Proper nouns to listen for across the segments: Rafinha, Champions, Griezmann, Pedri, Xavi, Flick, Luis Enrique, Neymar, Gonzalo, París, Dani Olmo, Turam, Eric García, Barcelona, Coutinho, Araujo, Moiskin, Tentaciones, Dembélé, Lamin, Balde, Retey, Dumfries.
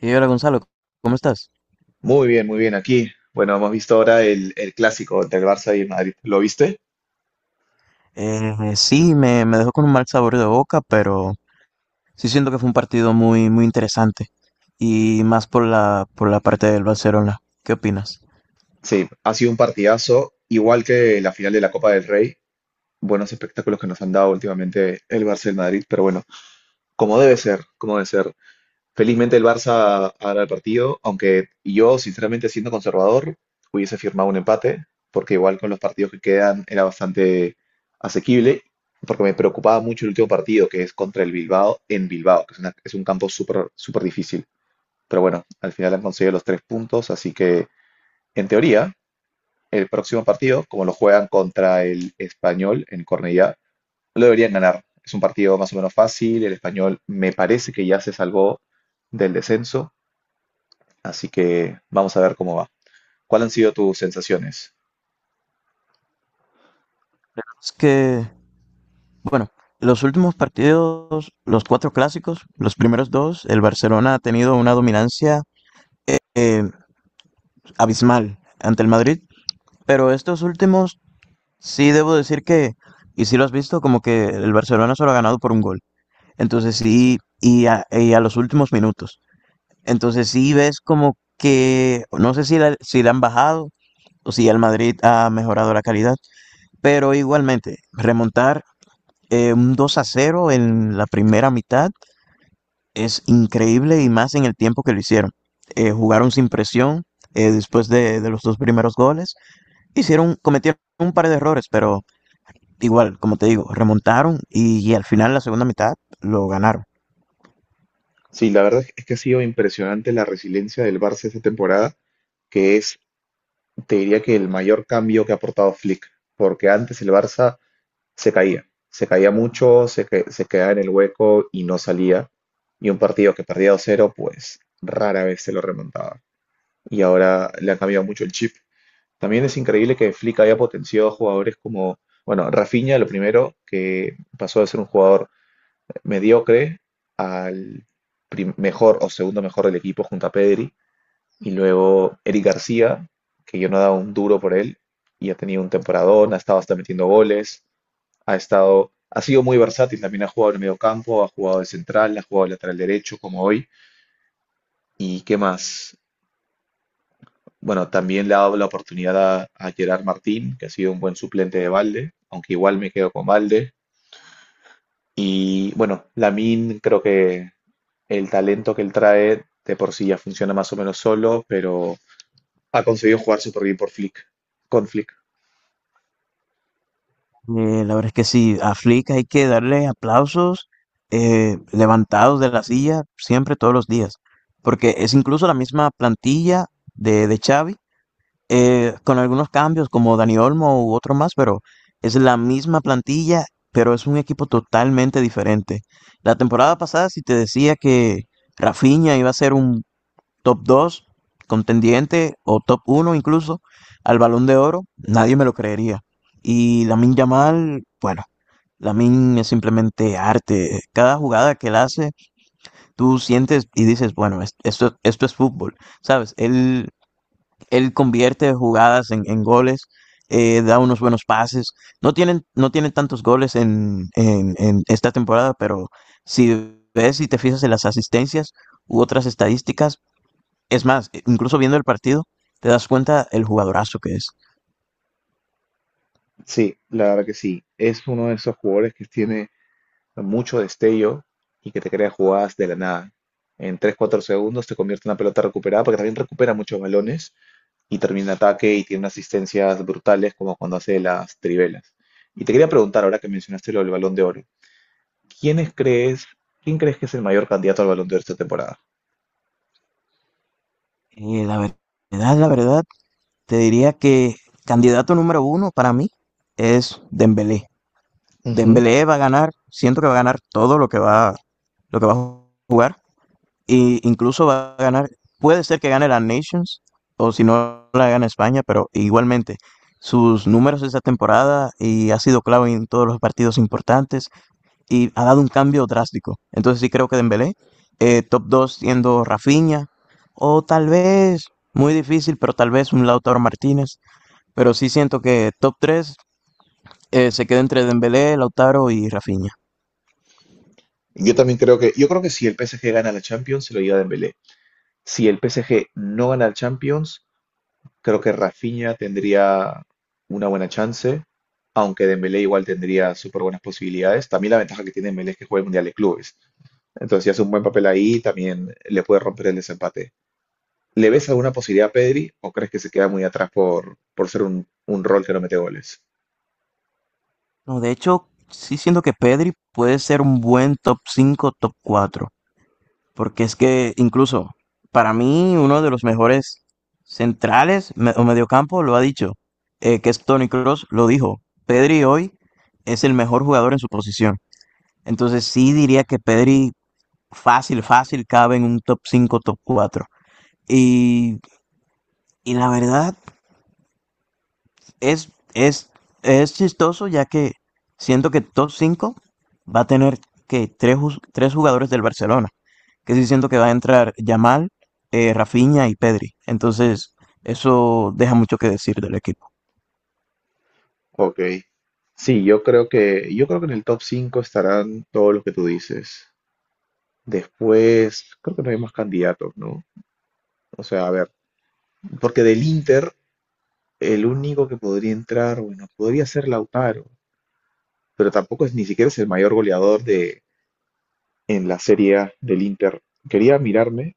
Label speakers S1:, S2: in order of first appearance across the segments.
S1: Y hola Gonzalo, ¿cómo estás?
S2: Muy bien aquí. Bueno, hemos visto ahora el clásico entre el Barça y el Madrid. ¿Lo viste?
S1: Sí, me dejó con un mal sabor de boca, pero sí siento que fue un partido muy interesante. Y más por por la parte del Barcelona. ¿Qué opinas?
S2: Sí, ha sido un partidazo, igual que la final de la Copa del Rey. Buenos espectáculos que nos han dado últimamente el Barça y el Madrid, pero bueno, como debe ser, como debe ser. Felizmente el Barça ha ganado el partido, aunque yo, sinceramente, siendo conservador, hubiese firmado un empate, porque igual con los partidos que quedan era bastante asequible, porque me preocupaba mucho el último partido, que es contra el Bilbao en Bilbao, que es, es un campo súper súper difícil. Pero bueno, al final han conseguido los tres puntos, así que en teoría, el próximo partido, como lo juegan contra el Español en Cornellá, lo deberían ganar. Es un partido más o menos fácil, el Español me parece que ya se salvó del descenso, así que vamos a ver cómo va. ¿Cuáles han sido tus sensaciones?
S1: Es que, bueno, los últimos partidos, los cuatro clásicos, los primeros dos, el Barcelona ha tenido una dominancia eh, abismal ante el Madrid, pero estos últimos. Sí, debo decir que, y si lo has visto, como que el Barcelona solo ha ganado por un gol. Entonces
S2: Sí.
S1: sí, y a los últimos minutos. Entonces sí ves como que, no sé si si la han bajado o si el Madrid ha mejorado la calidad, pero igualmente, remontar un 2 a 0 en la primera mitad es increíble y más en el tiempo que lo hicieron. Jugaron sin presión después de los dos primeros goles. Cometieron un par de errores, pero igual, como te digo, remontaron y al final, la segunda mitad, lo ganaron.
S2: Sí, la verdad es que ha sido impresionante la resiliencia del Barça esta temporada, que es, te diría que el mayor cambio que ha aportado Flick, porque antes el Barça se caía mucho, se quedaba en el hueco y no salía. Y un partido que perdía 2-0 pues rara vez se lo remontaba. Y ahora le han cambiado mucho el chip. También es increíble que Flick haya potenciado a jugadores como, bueno, Rafinha, lo primero, que pasó de ser un jugador mediocre al mejor o segundo mejor del equipo junto a Pedri. Y luego Eric García, que yo no he dado un duro por él y ha tenido un temporadón, ha estado hasta metiendo goles. Ha sido muy versátil, también ha jugado en el mediocampo, ha jugado de central, ha jugado de lateral derecho como hoy. ¿Y qué más? Bueno, también le ha dado la oportunidad a Gerard Martín, que ha sido un buen suplente de Balde, aunque igual me quedo con Balde. Y bueno, Lamin creo que el talento que él trae de por sí ya funciona más o menos solo, pero ha conseguido jugar súper bien por Flick, con Flick.
S1: La verdad es que sí, a Flick hay que darle aplausos levantados de la silla siempre, todos los días, porque es incluso la misma plantilla de Xavi, con algunos cambios como Dani Olmo u otro más, pero es la misma plantilla, pero es un equipo totalmente diferente. La temporada pasada, si te decía que Rafinha iba a ser un top 2 contendiente o top uno incluso al Balón de Oro, nadie me lo creería. Y Lamin Yamal, bueno, Lamin es simplemente arte. Cada jugada que él hace, tú sientes y dices, bueno, esto, esto es fútbol, ¿sabes? Él convierte jugadas en goles. Da unos buenos pases. No tienen tantos goles en esta temporada, pero si ves y te fijas en las asistencias u otras estadísticas, es más, incluso viendo el partido, te das cuenta el jugadorazo que es.
S2: Sí, la verdad que sí. Es uno de esos jugadores que tiene mucho destello y que te crea jugadas de la nada. En tres cuatro segundos te convierte en una pelota recuperada porque también recupera muchos balones y termina ataque y tiene unas asistencias brutales como cuando hace las trivelas. Y te quería preguntar, ahora que mencionaste lo del Balón de Oro, ¿quiénes crees, quién crees que es el mayor candidato al Balón de Oro esta temporada?
S1: Eh, la ver- verdad, la verdad, te diría que candidato número uno para mí es Dembélé.
S2: Ujú.
S1: Dembélé va a ganar, siento que va a ganar todo lo que va a jugar, e incluso va a ganar, puede ser que gane la Nations, o si no la gana España, pero igualmente, sus números esta temporada y ha sido clave en todos los partidos importantes, y ha dado un cambio drástico. Entonces sí creo que Dembélé, top 2 siendo Rafinha, o tal vez, muy difícil, pero tal vez un Lautaro Martínez. Pero sí siento que top tres se queda entre Dembélé, Lautaro y Rafinha.
S2: Yo también creo que, yo creo que si el PSG gana la Champions, se lo lleva Dembélé. Si el PSG no gana el Champions, creo que Rafinha tendría una buena chance, aunque Dembélé igual tendría súper buenas posibilidades. También la ventaja que tiene Dembélé es que juega el Mundial de Clubes. Entonces, si hace un buen papel ahí, también le puede romper el desempate. ¿Le ves alguna posibilidad a Pedri o crees que se queda muy atrás por ser un rol que no mete goles?
S1: No, de hecho, sí siento que Pedri puede ser un buen top cinco, top cuatro. Porque es que incluso para mí uno de los mejores centrales o mediocampo lo ha dicho, que es Toni Kroos, lo dijo. Pedri hoy es el mejor jugador en su posición. Entonces sí diría que Pedri fácil, fácil cabe en un top cinco, top cuatro. Y, y la verdad es, es, es chistoso ya que siento que top 5 va a tener que tres, tres jugadores del Barcelona. Que sí siento que va a entrar Yamal, Rafinha y Pedri. Entonces, eso deja mucho que decir del equipo.
S2: Ok. Sí, yo creo que en el top 5 estarán todos los que tú dices. Después, creo que no hay más candidatos, ¿no? O sea, a ver, porque del Inter, el único que podría entrar, bueno, podría ser Lautaro, pero tampoco es ni siquiera es el mayor goleador de en la Serie A del Inter. Quería mirarme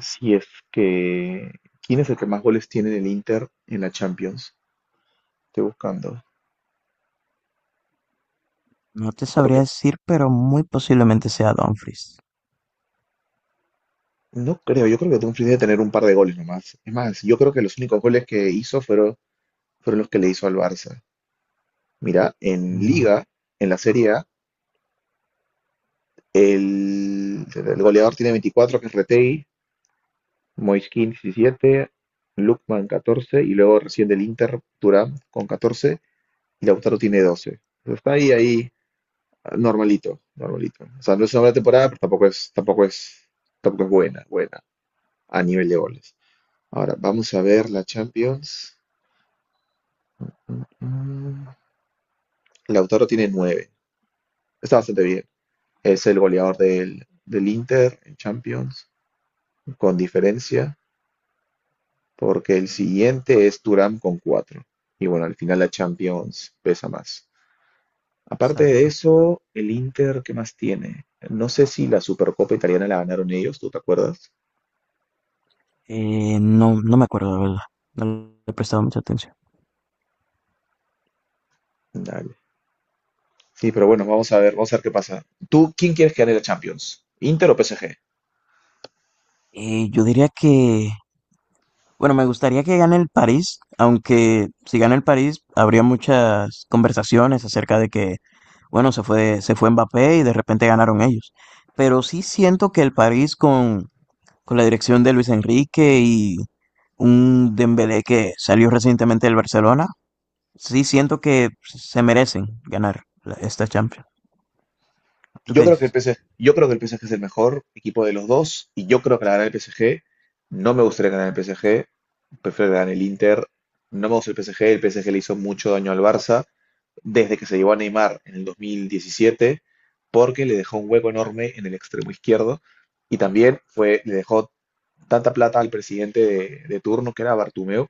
S2: si es que quién es el que más goles tiene en el Inter en la Champions. Estoy buscando,
S1: No te sabría
S2: porque
S1: decir, pero muy posiblemente sea Dumfries.
S2: no creo, yo creo que Dumfries debe tener un par de goles nomás. Es más, yo creo que los únicos goles que hizo fueron los que le hizo al Barça. Mira, en
S1: Mm,
S2: Liga, en la Serie A, el goleador tiene 24 que es Retey, Moiskin 17, van 14 y luego recién del Inter Turán con 14 y Lautaro tiene 12. Está ahí, ahí, normalito, normalito. O sea, no es una buena temporada, pero tampoco es, tampoco es buena, buena a nivel de goles. Ahora, vamos a ver la Champions. Mm, Lautaro tiene 9. Está bastante bien. Es el goleador del Inter en Champions, con diferencia, porque el siguiente es Turam con 4. Y bueno, al final la Champions pesa más. Aparte de
S1: exacto.
S2: eso, el Inter, ¿qué más tiene? No sé si la Supercopa italiana la ganaron ellos, ¿tú te acuerdas?
S1: No, no me acuerdo, la verdad. No le he prestado mucha atención.
S2: Dale. Sí, pero bueno, vamos a ver qué pasa. ¿Tú quién quieres que gane la Champions? ¿Inter o PSG?
S1: Yo diría que bueno, me gustaría que gane el París, aunque si gana el París habría muchas conversaciones acerca de que, bueno, se fue Mbappé y de repente ganaron ellos. Pero sí siento que el París con la dirección de Luis Enrique y un Dembélé que salió recientemente del Barcelona, sí siento que se merecen ganar esta Champions. ¿Tú qué
S2: Yo creo
S1: dices?
S2: que el PSG, Yo creo que el PSG es el mejor equipo de los dos y yo creo que la gana el PSG. No me gustaría ganar el PSG, prefiero ganar el Inter. No me gusta el PSG, el PSG le hizo mucho daño al Barça desde que se llevó a Neymar en el 2017, porque le dejó un hueco enorme en el extremo izquierdo y también fue, le dejó tanta plata al presidente de turno, que era Bartumeo,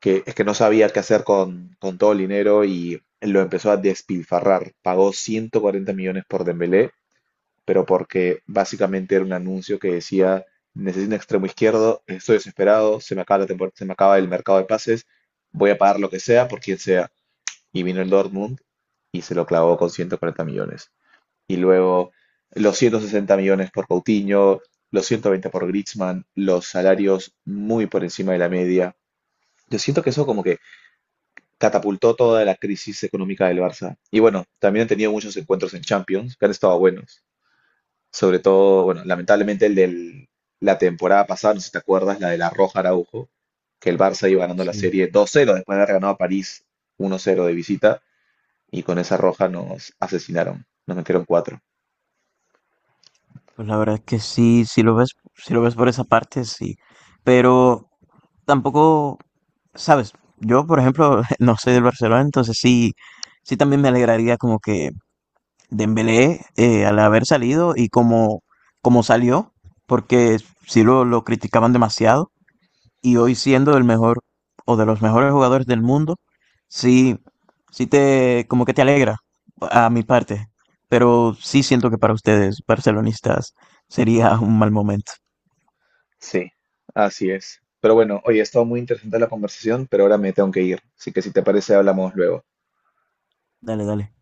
S2: que es que no sabía qué hacer con todo el dinero y lo empezó a despilfarrar. Pagó 140 millones por Dembélé, pero porque básicamente era un anuncio que decía, necesito un extremo izquierdo, estoy desesperado, se me acaba el mercado de pases, voy a pagar lo que sea por quien sea y vino el Dortmund y se lo clavó con 140 millones. Y luego los 160 millones por Coutinho, los 120 por Griezmann, los salarios muy por encima de la media. Yo siento que eso como que catapultó toda la crisis económica del Barça. Y bueno, también han tenido muchos encuentros en Champions, que han estado buenos. Sobre todo, bueno, lamentablemente el de la temporada pasada, no sé si te acuerdas, la de la roja Araujo, que el Barça iba ganando la
S1: Sí.
S2: serie 2-0 después de haber ganado a París 1-0 de visita y con esa roja nos asesinaron, nos metieron cuatro.
S1: Pues la verdad es que sí, si lo ves, si lo ves por esa parte, sí. Pero tampoco, sabes, yo por ejemplo no soy del Barcelona, entonces sí, sí también me alegraría como que Dembélé, al haber salido y como, como salió, porque sí lo criticaban demasiado y hoy siendo el mejor o de los mejores jugadores del mundo, sí, como que te alegra a mi parte, pero sí siento que para ustedes, barcelonistas, sería un mal momento.
S2: Sí, así es. Pero bueno, oye, ha estado muy interesante la conversación, pero ahora me tengo que ir. Así que si te parece, hablamos luego.
S1: Dale, dale.